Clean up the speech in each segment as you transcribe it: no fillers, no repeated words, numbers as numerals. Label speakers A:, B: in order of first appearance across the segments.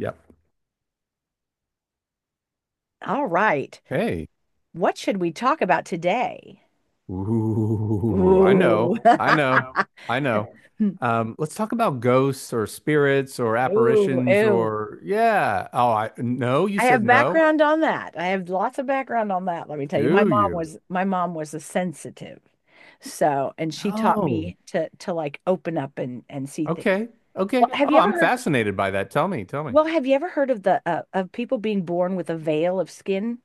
A: Yep.
B: All right.
A: Hey.
B: What should we talk about today?
A: Ooh, I know.
B: Ooh.
A: I know. I know. Let's talk about ghosts or spirits or
B: Ooh,
A: apparitions
B: ooh.
A: or yeah. Oh, I no, you
B: I
A: said
B: have
A: no.
B: background on that. I have lots of background on that, let me tell you. My
A: Do
B: mom
A: you?
B: was my mom was a sensitive. So, and she taught
A: Oh,
B: me to like open up and see things.
A: okay. Okay.
B: Well, have you
A: Oh,
B: ever
A: I'm
B: heard
A: fascinated by that. Tell me, tell me.
B: well, have you ever heard of the of people being born with a veil of skin?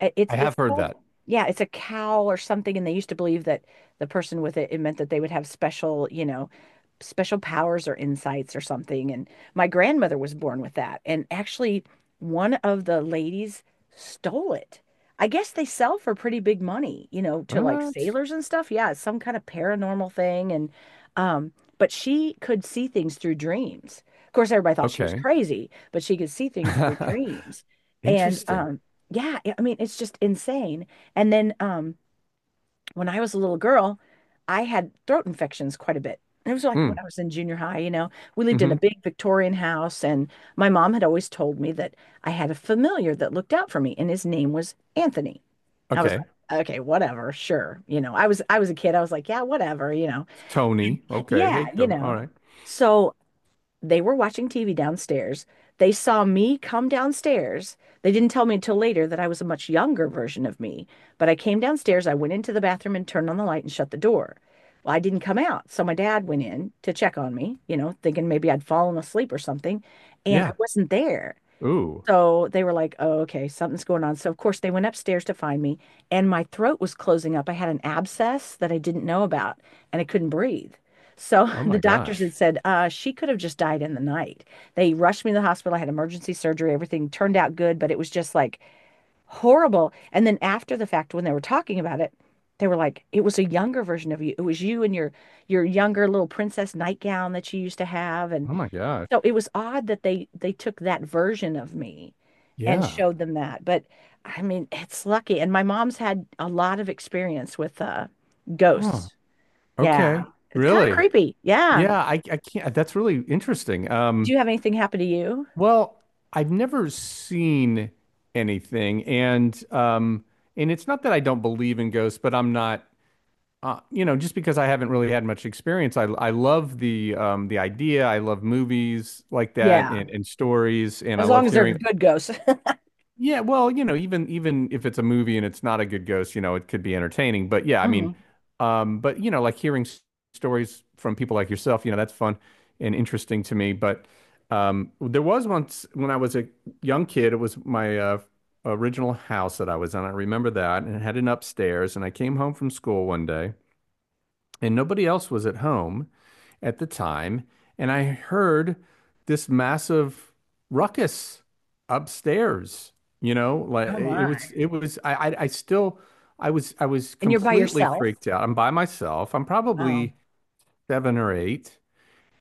B: Uh, It's
A: I have
B: it's
A: heard
B: called,
A: that.
B: yeah, it's a cowl or something, and they used to believe that the person with it meant that they would have special, you know, special powers or insights or something. And my grandmother was born with that. And actually, one of the ladies stole it. I guess they sell for pretty big money, you know, to like
A: What?
B: sailors and stuff. Yeah, it's some kind of paranormal thing. And, um, but she could see things through dreams. Of course, everybody thought she was
A: Okay.
B: crazy, but she could see things through dreams. And,
A: Interesting.
B: yeah, I mean, it's just insane. And then, when I was a little girl, I had throat infections quite a bit. It was like when
A: Mm,
B: I was in junior high, we
A: hmm.
B: lived in a
A: Mm-hmm.
B: big Victorian house, and my mom had always told me that I had a familiar that looked out for me, and his name was Anthony. I was
A: Okay.
B: like, okay, whatever, sure. I was a kid. I was like, yeah, whatever.
A: Tony. Okay.
B: Yeah,
A: Hey,
B: you
A: Tony. All
B: know.
A: right.
B: So they were watching TV downstairs. They saw me come downstairs. They didn't tell me until later that I was a much younger version of me, but I came downstairs. I went into the bathroom and turned on the light and shut the door. Well, I didn't come out. So my dad went in to check on me, you know, thinking maybe I'd fallen asleep or something, and
A: Yeah.
B: I wasn't there.
A: Ooh.
B: So they were like, oh, okay, something's going on. So, of course, they went upstairs to find me, and my throat was closing up. I had an abscess that I didn't know about, and I couldn't breathe. So,
A: Oh
B: the
A: my
B: doctors had
A: gosh.
B: said she could have just died in the night. They rushed me to the hospital. I had emergency surgery. Everything turned out good, but it was just like horrible. And then, after the fact, when they were talking about it, they were like, it was a younger version of you. It was you in your younger little princess nightgown that you used to have, and
A: Oh my gosh.
B: so it was odd that they took that version of me and
A: Yeah.
B: showed them that. But I mean, it's lucky. And my mom's had a lot of experience with
A: Huh.
B: ghosts.
A: Okay.
B: Yeah. It's kind of
A: Really?
B: creepy. Yeah. Yeah.
A: Yeah, I can't. That's really interesting.
B: Did you have anything happen to you?
A: Well, I've never seen anything, and it's not that I don't believe in ghosts, but I'm not. You know, just because I haven't really had much experience, I love the idea. I love movies like that
B: Yeah.
A: and stories, and I
B: As long
A: love
B: as they're
A: hearing.
B: good ghosts.
A: Yeah, well, you know, even if it's a movie and it's not a good ghost, you know, it could be entertaining. But yeah, I mean,
B: Mhm.
A: but you know, like hearing stories from people like yourself, you know, that's fun and interesting to me. But there was once when I was a young kid, it was my original house that I was in. I remember that, and it had an upstairs. And I came home from school one day, and nobody else was at home at the time, and I heard this massive ruckus upstairs. You know, like
B: Oh, okay. My.
A: it was, I still, I was
B: And you're by
A: completely
B: yourself?
A: freaked out. I'm by myself. I'm
B: Wow.
A: probably seven or eight.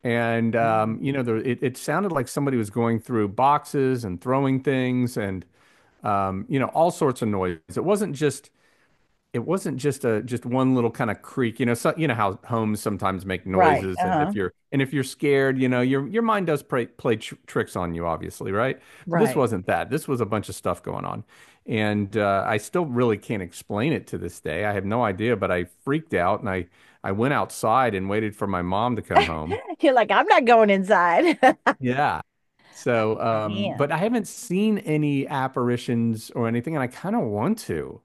A: And,
B: Wow.
A: you know, it sounded like somebody was going through boxes and throwing things, and you know, all sorts of noise. It wasn't just a just one little kind of creak, so, you know how homes sometimes make
B: Right.
A: noises, and
B: Uh-huh.
A: if you're scared, your mind does play, play tr tricks on you, obviously, right? This
B: Right.
A: wasn't that. This was a bunch of stuff going on, and I still really can't explain it to this day. I have no idea, but I freaked out, and I went outside and waited for my mom to come home.
B: You're like, I'm not going inside.
A: Yeah. So, but
B: Man.
A: I haven't seen any apparitions or anything, and I kind of want to.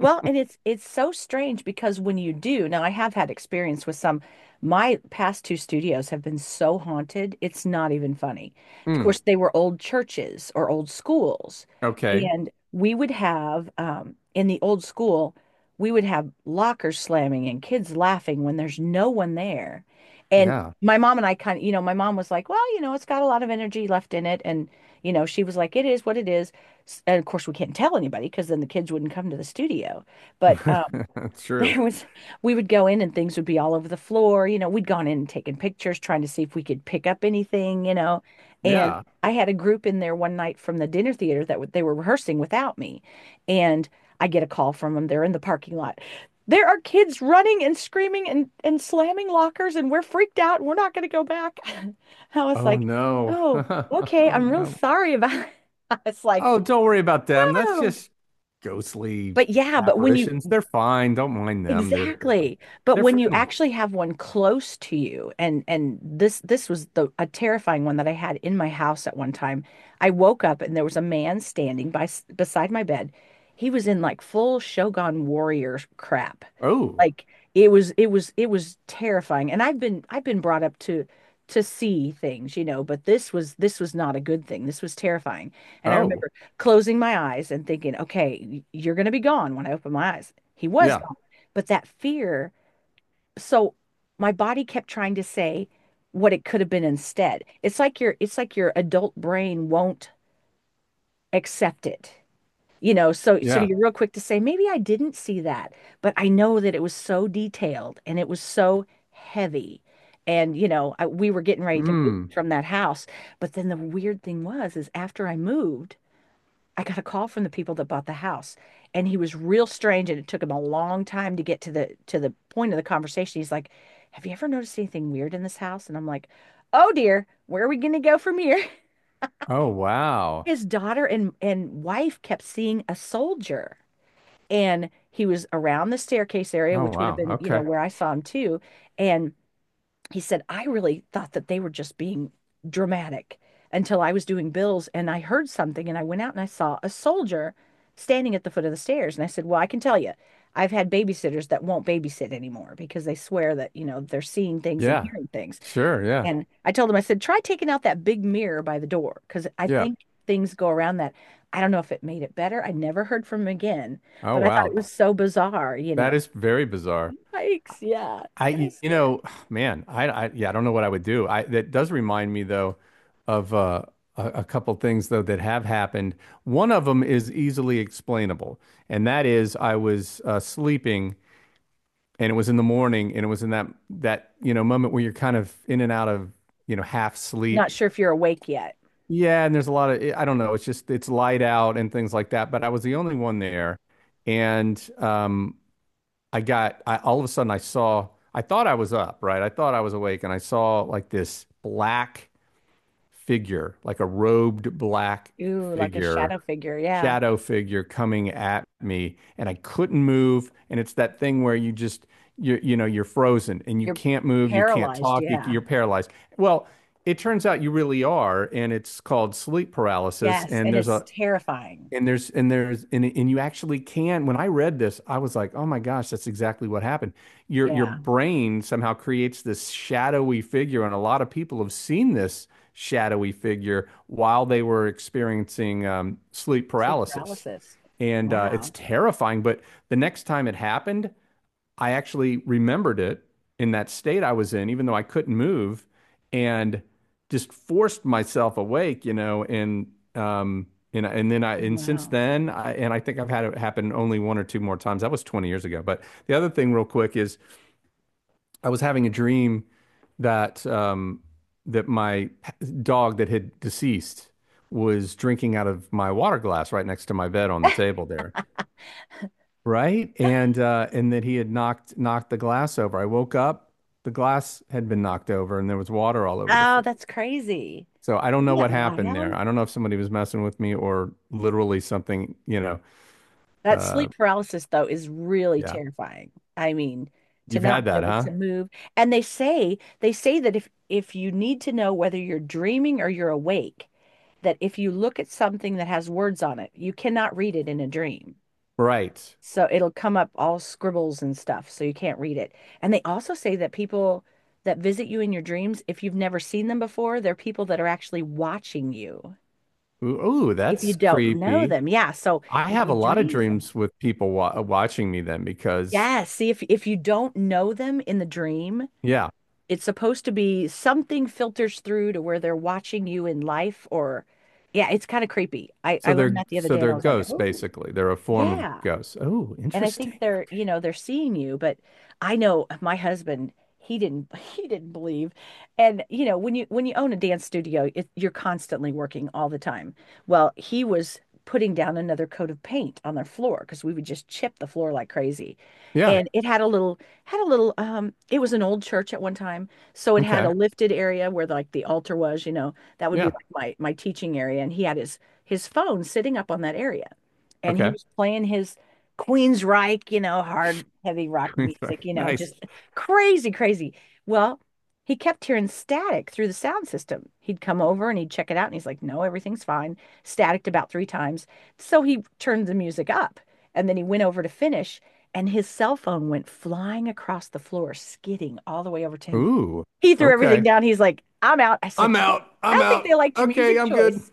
B: Well, and it's so strange because when you do, now I have had experience with some, my past two studios have been so haunted, it's not even funny. Of
A: Mm,
B: course, they were old churches or old schools,
A: okay.
B: and we would have in the old school, we would have lockers slamming and kids laughing when there's no one there. And
A: Yeah.
B: my mom and I kind of, you know, my mom was like, well, it's got a lot of energy left in it, and she was like, it is what it is, and of course we can't tell anybody because then the kids wouldn't come to the studio, but
A: That's true.
B: there was, we would go in and things would be all over the floor, we'd gone in and taken pictures trying to see if we could pick up anything. Yeah. And
A: Yeah.
B: I had a group in there one night from the dinner theater that they were rehearsing without me, and I get a call from them, they're in the parking lot, there are kids running and screaming and slamming lockers, and we're freaked out and we're not going to go back. I was
A: Oh
B: like,
A: no.
B: oh, okay,
A: Oh
B: I'm real
A: no.
B: sorry about. It's like,
A: Oh, don't worry about them. That's
B: oh,
A: just ghostly
B: but yeah, but when you
A: apparitions. They're fine. Don't mind them. They're fine.
B: exactly, but
A: They're
B: when you
A: friendly.
B: actually have one close to you, and this was the a terrifying one that I had in my house at one time. I woke up and there was a man standing by beside my bed. He was in like full Shogun warrior crap,
A: Oh.
B: like it was terrifying. And I've been brought up to see things, you know, but this was not a good thing. This was terrifying. And I
A: Oh.
B: remember closing my eyes and thinking, okay, you're going to be gone when I open my eyes. He was
A: Yeah.
B: gone. But that fear, so my body kept trying to say what it could have been instead. It's like your adult brain won't accept it. You know, so
A: Yeah.
B: you're real quick to say, maybe I didn't see that, but I know that it was so detailed and it was so heavy. And, we were getting ready to move
A: Mm.
B: from that house. But then the weird thing was, is after I moved, I got a call from the people that bought the house, and he was real strange, and it took him a long time to get to the point of the conversation. He's like, "Have you ever noticed anything weird in this house?" And I'm like, "Oh dear, where are we going to go from here?"
A: Oh wow.
B: His daughter and wife kept seeing a soldier, and he was around the staircase area,
A: Oh
B: which would have
A: wow.
B: been,
A: Okay.
B: where I saw him too. And he said, I really thought that they were just being dramatic until I was doing bills and I heard something and I went out and I saw a soldier standing at the foot of the stairs. And I said, well, I can tell you, I've had babysitters that won't babysit anymore because they swear that, they're seeing things and
A: Yeah.
B: hearing things.
A: Sure. Yeah.
B: And I told him, I said, try taking out that big mirror by the door because I
A: Yeah.
B: think things go around that. I don't know if it made it better. I never heard from him again,
A: Oh
B: but I thought it
A: wow.
B: was so bizarre, you
A: That
B: know.
A: is very bizarre.
B: Yikes, yeah, kind of
A: You
B: scary.
A: know, man, yeah, I don't know what I would do. That does remind me, though, of a couple things, though, that have happened. One of them is easily explainable, and that is I was sleeping, and it was in the morning, and it was in that, moment where you're kind of in and out of, half
B: Not
A: sleep.
B: sure if you're awake yet.
A: Yeah. And there's a lot of, I don't know, it's light out and things like that. But I was the only one there. And, I got, I all of a sudden I thought I was up, right? I thought I was awake, and I saw like this black figure, like a robed black
B: Ooh, like a
A: figure,
B: shadow figure. Yeah.
A: shadow figure coming at me, and I couldn't move. And it's that thing where you, you're frozen, and you
B: You're
A: can't move, you can't
B: paralyzed.
A: talk,
B: Yeah.
A: you're paralyzed. Well, it turns out you really are, and it's called sleep paralysis.
B: Yes. And it's terrifying.
A: And there's and you actually can. When I read this, I was like, oh my gosh, that's exactly what happened. Your
B: Yeah.
A: brain somehow creates this shadowy figure, and a lot of people have seen this shadowy figure while they were experiencing sleep
B: Sleep
A: paralysis.
B: paralysis.
A: And it's
B: Wow.
A: terrifying, but the next time it happened, I actually remembered it in that state I was in, even though I couldn't move, and just forced myself awake, and um then I
B: Oh,
A: and since
B: wow.
A: then I think I've had it happen only one or two more times. That was 20 years ago. But the other thing real quick is I was having a dream that my dog that had deceased was drinking out of my water glass right next to my bed on the table there. Right? And that he had knocked the glass over. I woke up, the glass had been knocked over, and there was water all over the
B: Oh,
A: floor.
B: that's crazy.
A: So I don't
B: Isn't
A: know what
B: that
A: happened
B: wild?
A: there. I don't know if somebody was messing with me or literally something, you know.
B: That
A: Uh
B: sleep paralysis, though, is really
A: yeah.
B: terrifying. I mean, to
A: You've
B: not
A: had
B: be
A: that,
B: able to
A: huh?
B: move. And they say that if you need to know whether you're dreaming or you're awake, that if you look at something that has words on it, you cannot read it in a dream.
A: Right.
B: So it'll come up all scribbles and stuff, so you can't read it. And they also say that people that visit you in your dreams, if you've never seen them before, they're people that are actually watching you.
A: Ooh, ooh,
B: If you
A: that's
B: don't know
A: creepy.
B: them. Yeah. So
A: I
B: if
A: have
B: you
A: a lot of
B: dream something.
A: dreams with people wa watching me then, because
B: Yeah, see if you don't know them in the dream,
A: yeah.
B: it's supposed to be something filters through to where they're watching you in life, or yeah, it's kind of creepy. I
A: So
B: learned that the other day, and I
A: they're
B: was like,
A: ghosts,
B: "Oh,
A: basically. They're a form of
B: yeah."
A: ghosts. Oh,
B: And I think
A: interesting.
B: they're,
A: Okay.
B: they're seeing you, but I know my husband, he didn't he didn't believe. And you know, when you own a dance studio, you're constantly working all the time. Well, he was putting down another coat of paint on their floor because we would just chip the floor like crazy. Yeah.
A: Yeah.
B: And it had a little it was an old church at one time, so it had a
A: Okay.
B: lifted area where like the altar was, that would be
A: Yeah.
B: like my teaching area, and he had his phone sitting up on that area, and he
A: Okay.
B: was playing his Queensryche, hard, heavy rock music,
A: Nice.
B: just crazy, crazy. Well, he kept hearing static through the sound system. He'd come over and he'd check it out, and he's like, "No, everything's fine." Staticked about three times, so he turned the music up, and then he went over to finish, and his cell phone went flying across the floor, skidding all the way over to him.
A: Ooh.
B: He threw everything
A: Okay.
B: down. He's like, "I'm out." I said,
A: I'm out.
B: "I
A: I'm
B: don't think
A: out.
B: they liked your
A: Okay,
B: music
A: I'm good.
B: choice."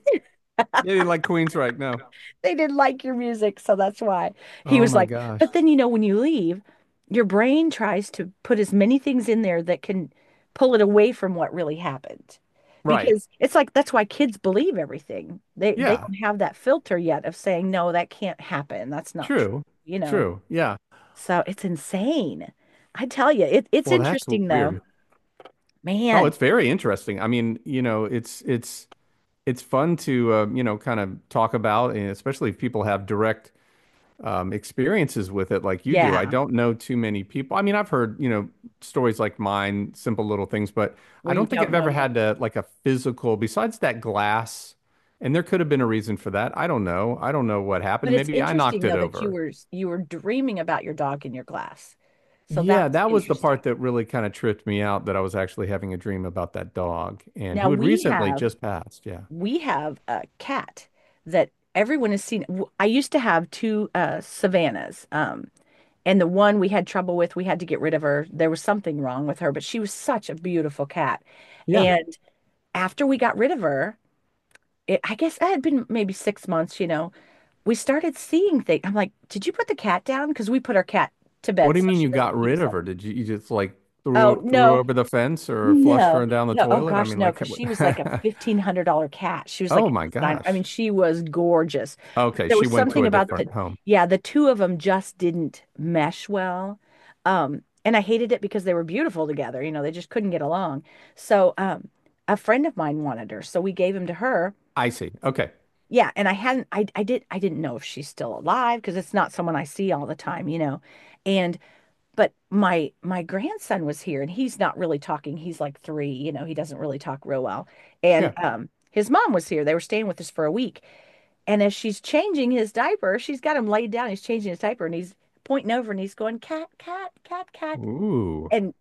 A: They didn't like Queensryche, no.
B: They didn't like your music, so that's why. He
A: Oh
B: was
A: my
B: like, but
A: gosh.
B: then when you leave, your brain tries to put as many things in there that can pull it away from what really happened.
A: Right.
B: Because it's like that's why kids believe everything. They
A: Yeah.
B: don't have that filter yet of saying, no, that can't happen. That's not true,
A: True.
B: you know.
A: True. Yeah.
B: So it's insane. I tell you, it's
A: Well, that's
B: interesting though.
A: weird. Oh,
B: Man,
A: it's very interesting. I mean, you know, it's fun to kind of talk about, and especially if people have direct experiences with it like you do. I
B: yeah,
A: don't know too many people. I mean, I've heard, stories like mine, simple little things, but I
B: where you
A: don't think
B: don't
A: I've
B: know
A: ever
B: yet.
A: had to, like, a physical, besides that glass, and there could have been a reason for that. I don't know. I don't know what
B: But
A: happened.
B: it's
A: Maybe I knocked
B: interesting
A: it
B: though that you
A: over.
B: were you were dreaming about your dog in your glass. So that
A: Yeah,
B: was
A: that was the part
B: interesting.
A: that really kind of tripped me out, that I was actually having a dream about that dog and
B: Now
A: who had
B: we
A: recently
B: have
A: just passed. Yeah.
B: we have a cat that everyone has seen. I used to have two Savannahs. And the one we had trouble with, we had to get rid of her. There was something wrong with her, but she was such a beautiful cat.
A: Yeah.
B: And after we got rid of her, I guess it had been maybe 6 months, you know. We started seeing things. I'm like, did you put the cat down? Because we put our cat to
A: What
B: bed
A: do
B: so
A: you mean
B: she
A: you
B: doesn't
A: got
B: keep
A: rid
B: us
A: of
B: up.
A: her? You just, like,
B: Oh
A: threw her
B: no,
A: over the fence or flushed
B: no,
A: her down the
B: no. Oh
A: toilet? I
B: gosh,
A: mean,
B: no,
A: like,
B: because
A: what?
B: she was like a $1,500 cat. She was like
A: Oh my
B: a design. I mean,
A: gosh.
B: she was gorgeous. But
A: Okay,
B: there
A: she
B: was quite
A: went to
B: something
A: a
B: about
A: different
B: the,
A: home.
B: yeah, the two of them just didn't mesh well. And I hated it because they were beautiful together. You know, they just couldn't get along. So a friend of mine wanted her, so we gave him to her.
A: I see. Okay.
B: Yeah, and I hadn't I did I didn't know if she's still alive because it's not someone I see all the time, you know. And but my grandson was here and he's not really talking. He's like three, you know, he doesn't really talk real well. And
A: Yeah.
B: his mom was here. They were staying with us for a week. And as she's changing his diaper, she's got him laid down. He's changing his diaper and he's pointing over and he's going, cat, cat, cat, cat.
A: Ooh.
B: And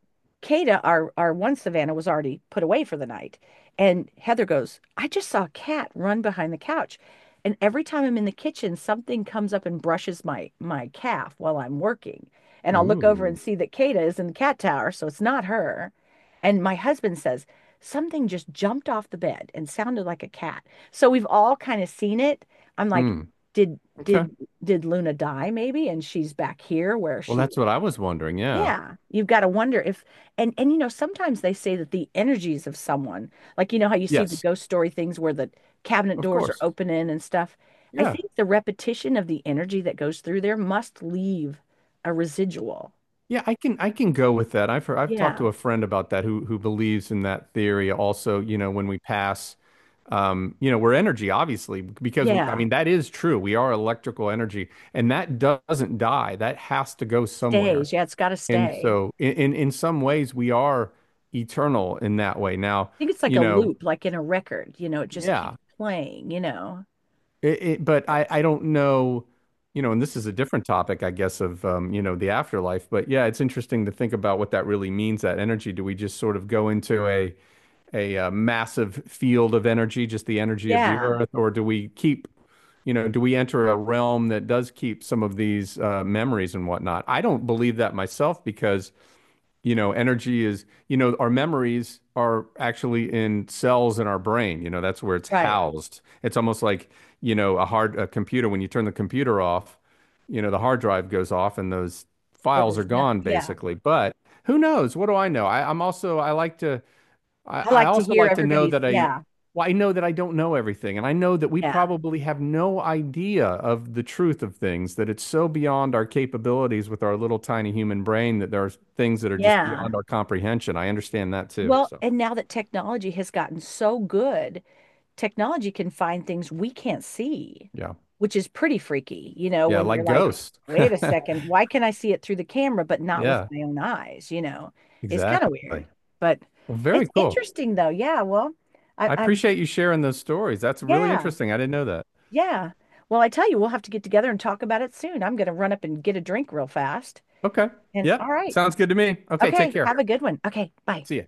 B: Kata, our one Savannah, was already put away for the night. And Heather goes, I just saw a cat run behind the couch. And every time I'm in the kitchen, something comes up and brushes my calf while I'm working. And I'll look over
A: Ooh.
B: and see that Kata is in the cat tower, so it's not her. And my husband says, something just jumped off the bed and sounded like a cat. So we've all kind of seen it. I'm like,
A: Mm.
B: did
A: Okay.
B: did did Luna die maybe? And she's back here where
A: Well,
B: she,
A: that's what I was wondering. Yeah.
B: yeah, you've got to wonder if. And you know sometimes they say that the energies of someone, like you know how you see the
A: Yes,
B: ghost story things where the cabinet
A: of
B: doors are
A: course.
B: opening and stuff. I
A: Yeah.
B: think the repetition of the energy that goes through there must leave a residual.
A: Yeah, I can go with that. I've talked
B: Yeah.
A: to a friend about that who believes in that theory. Also, you know, when we pass, we're energy, obviously, because I
B: Yeah,
A: mean, that is true. We are electrical energy, and that doesn't die. That has to go somewhere.
B: stays. Yeah, it's got to
A: And
B: stay.
A: so, in some ways, we are eternal in that way. Now,
B: I think it's like
A: you
B: a
A: know,
B: loop, like in a record, you know, it just keeps
A: yeah.
B: playing, you know.
A: But I don't know, and this is a different topic, I guess, of the afterlife. But yeah, it's interesting to think about what that really means, that energy. Do we just sort of go into a massive field of energy, just the energy of the
B: Yeah,
A: earth, or do we keep? Do we enter a realm that does keep some of these memories and whatnot? I don't believe that myself, because you know, energy is, you know, our memories are actually in cells in our brain. You know, that's where it's
B: right.
A: housed. It's almost like, a computer. When you turn the computer off, the hard drive goes off, and those
B: So
A: files are
B: there's nothing.
A: gone,
B: Yeah.
A: basically. But who knows? What do I know?
B: I
A: I
B: like to
A: also
B: hear
A: like to know
B: everybody's,
A: that I,
B: yeah.
A: well, I know that I don't know everything, and I know that we
B: Yeah.
A: probably have no idea of the truth of things, that it's so beyond our capabilities, with our little tiny human brain, that there are things that are just
B: Yeah.
A: beyond our comprehension. I understand that too.
B: Well,
A: So,
B: and now that technology has gotten so good, technology can find things we can't see,
A: yeah.
B: which is pretty freaky, you know,
A: Yeah,
B: when you're, yeah,
A: like
B: like, yeah,
A: ghosts.
B: wait a second, why can I see it through the camera but not with
A: Yeah,
B: my own eyes? You know, it's kind of
A: exactly.
B: weird, but
A: Well,
B: it's
A: very cool.
B: interesting though. Yeah, well, I,
A: I
B: I'm,
A: appreciate you sharing those stories. That's really
B: yeah,
A: interesting. I didn't know that.
B: yeah. Well, I tell you, we'll have to get together and talk about it soon. I'm going to run up and get a drink real fast.
A: Okay.
B: And all
A: Yep.
B: right.
A: Sounds good to me. Okay,
B: Okay,
A: take
B: okay, take
A: care.
B: have a care. Good one. Okay, bye.
A: See ya.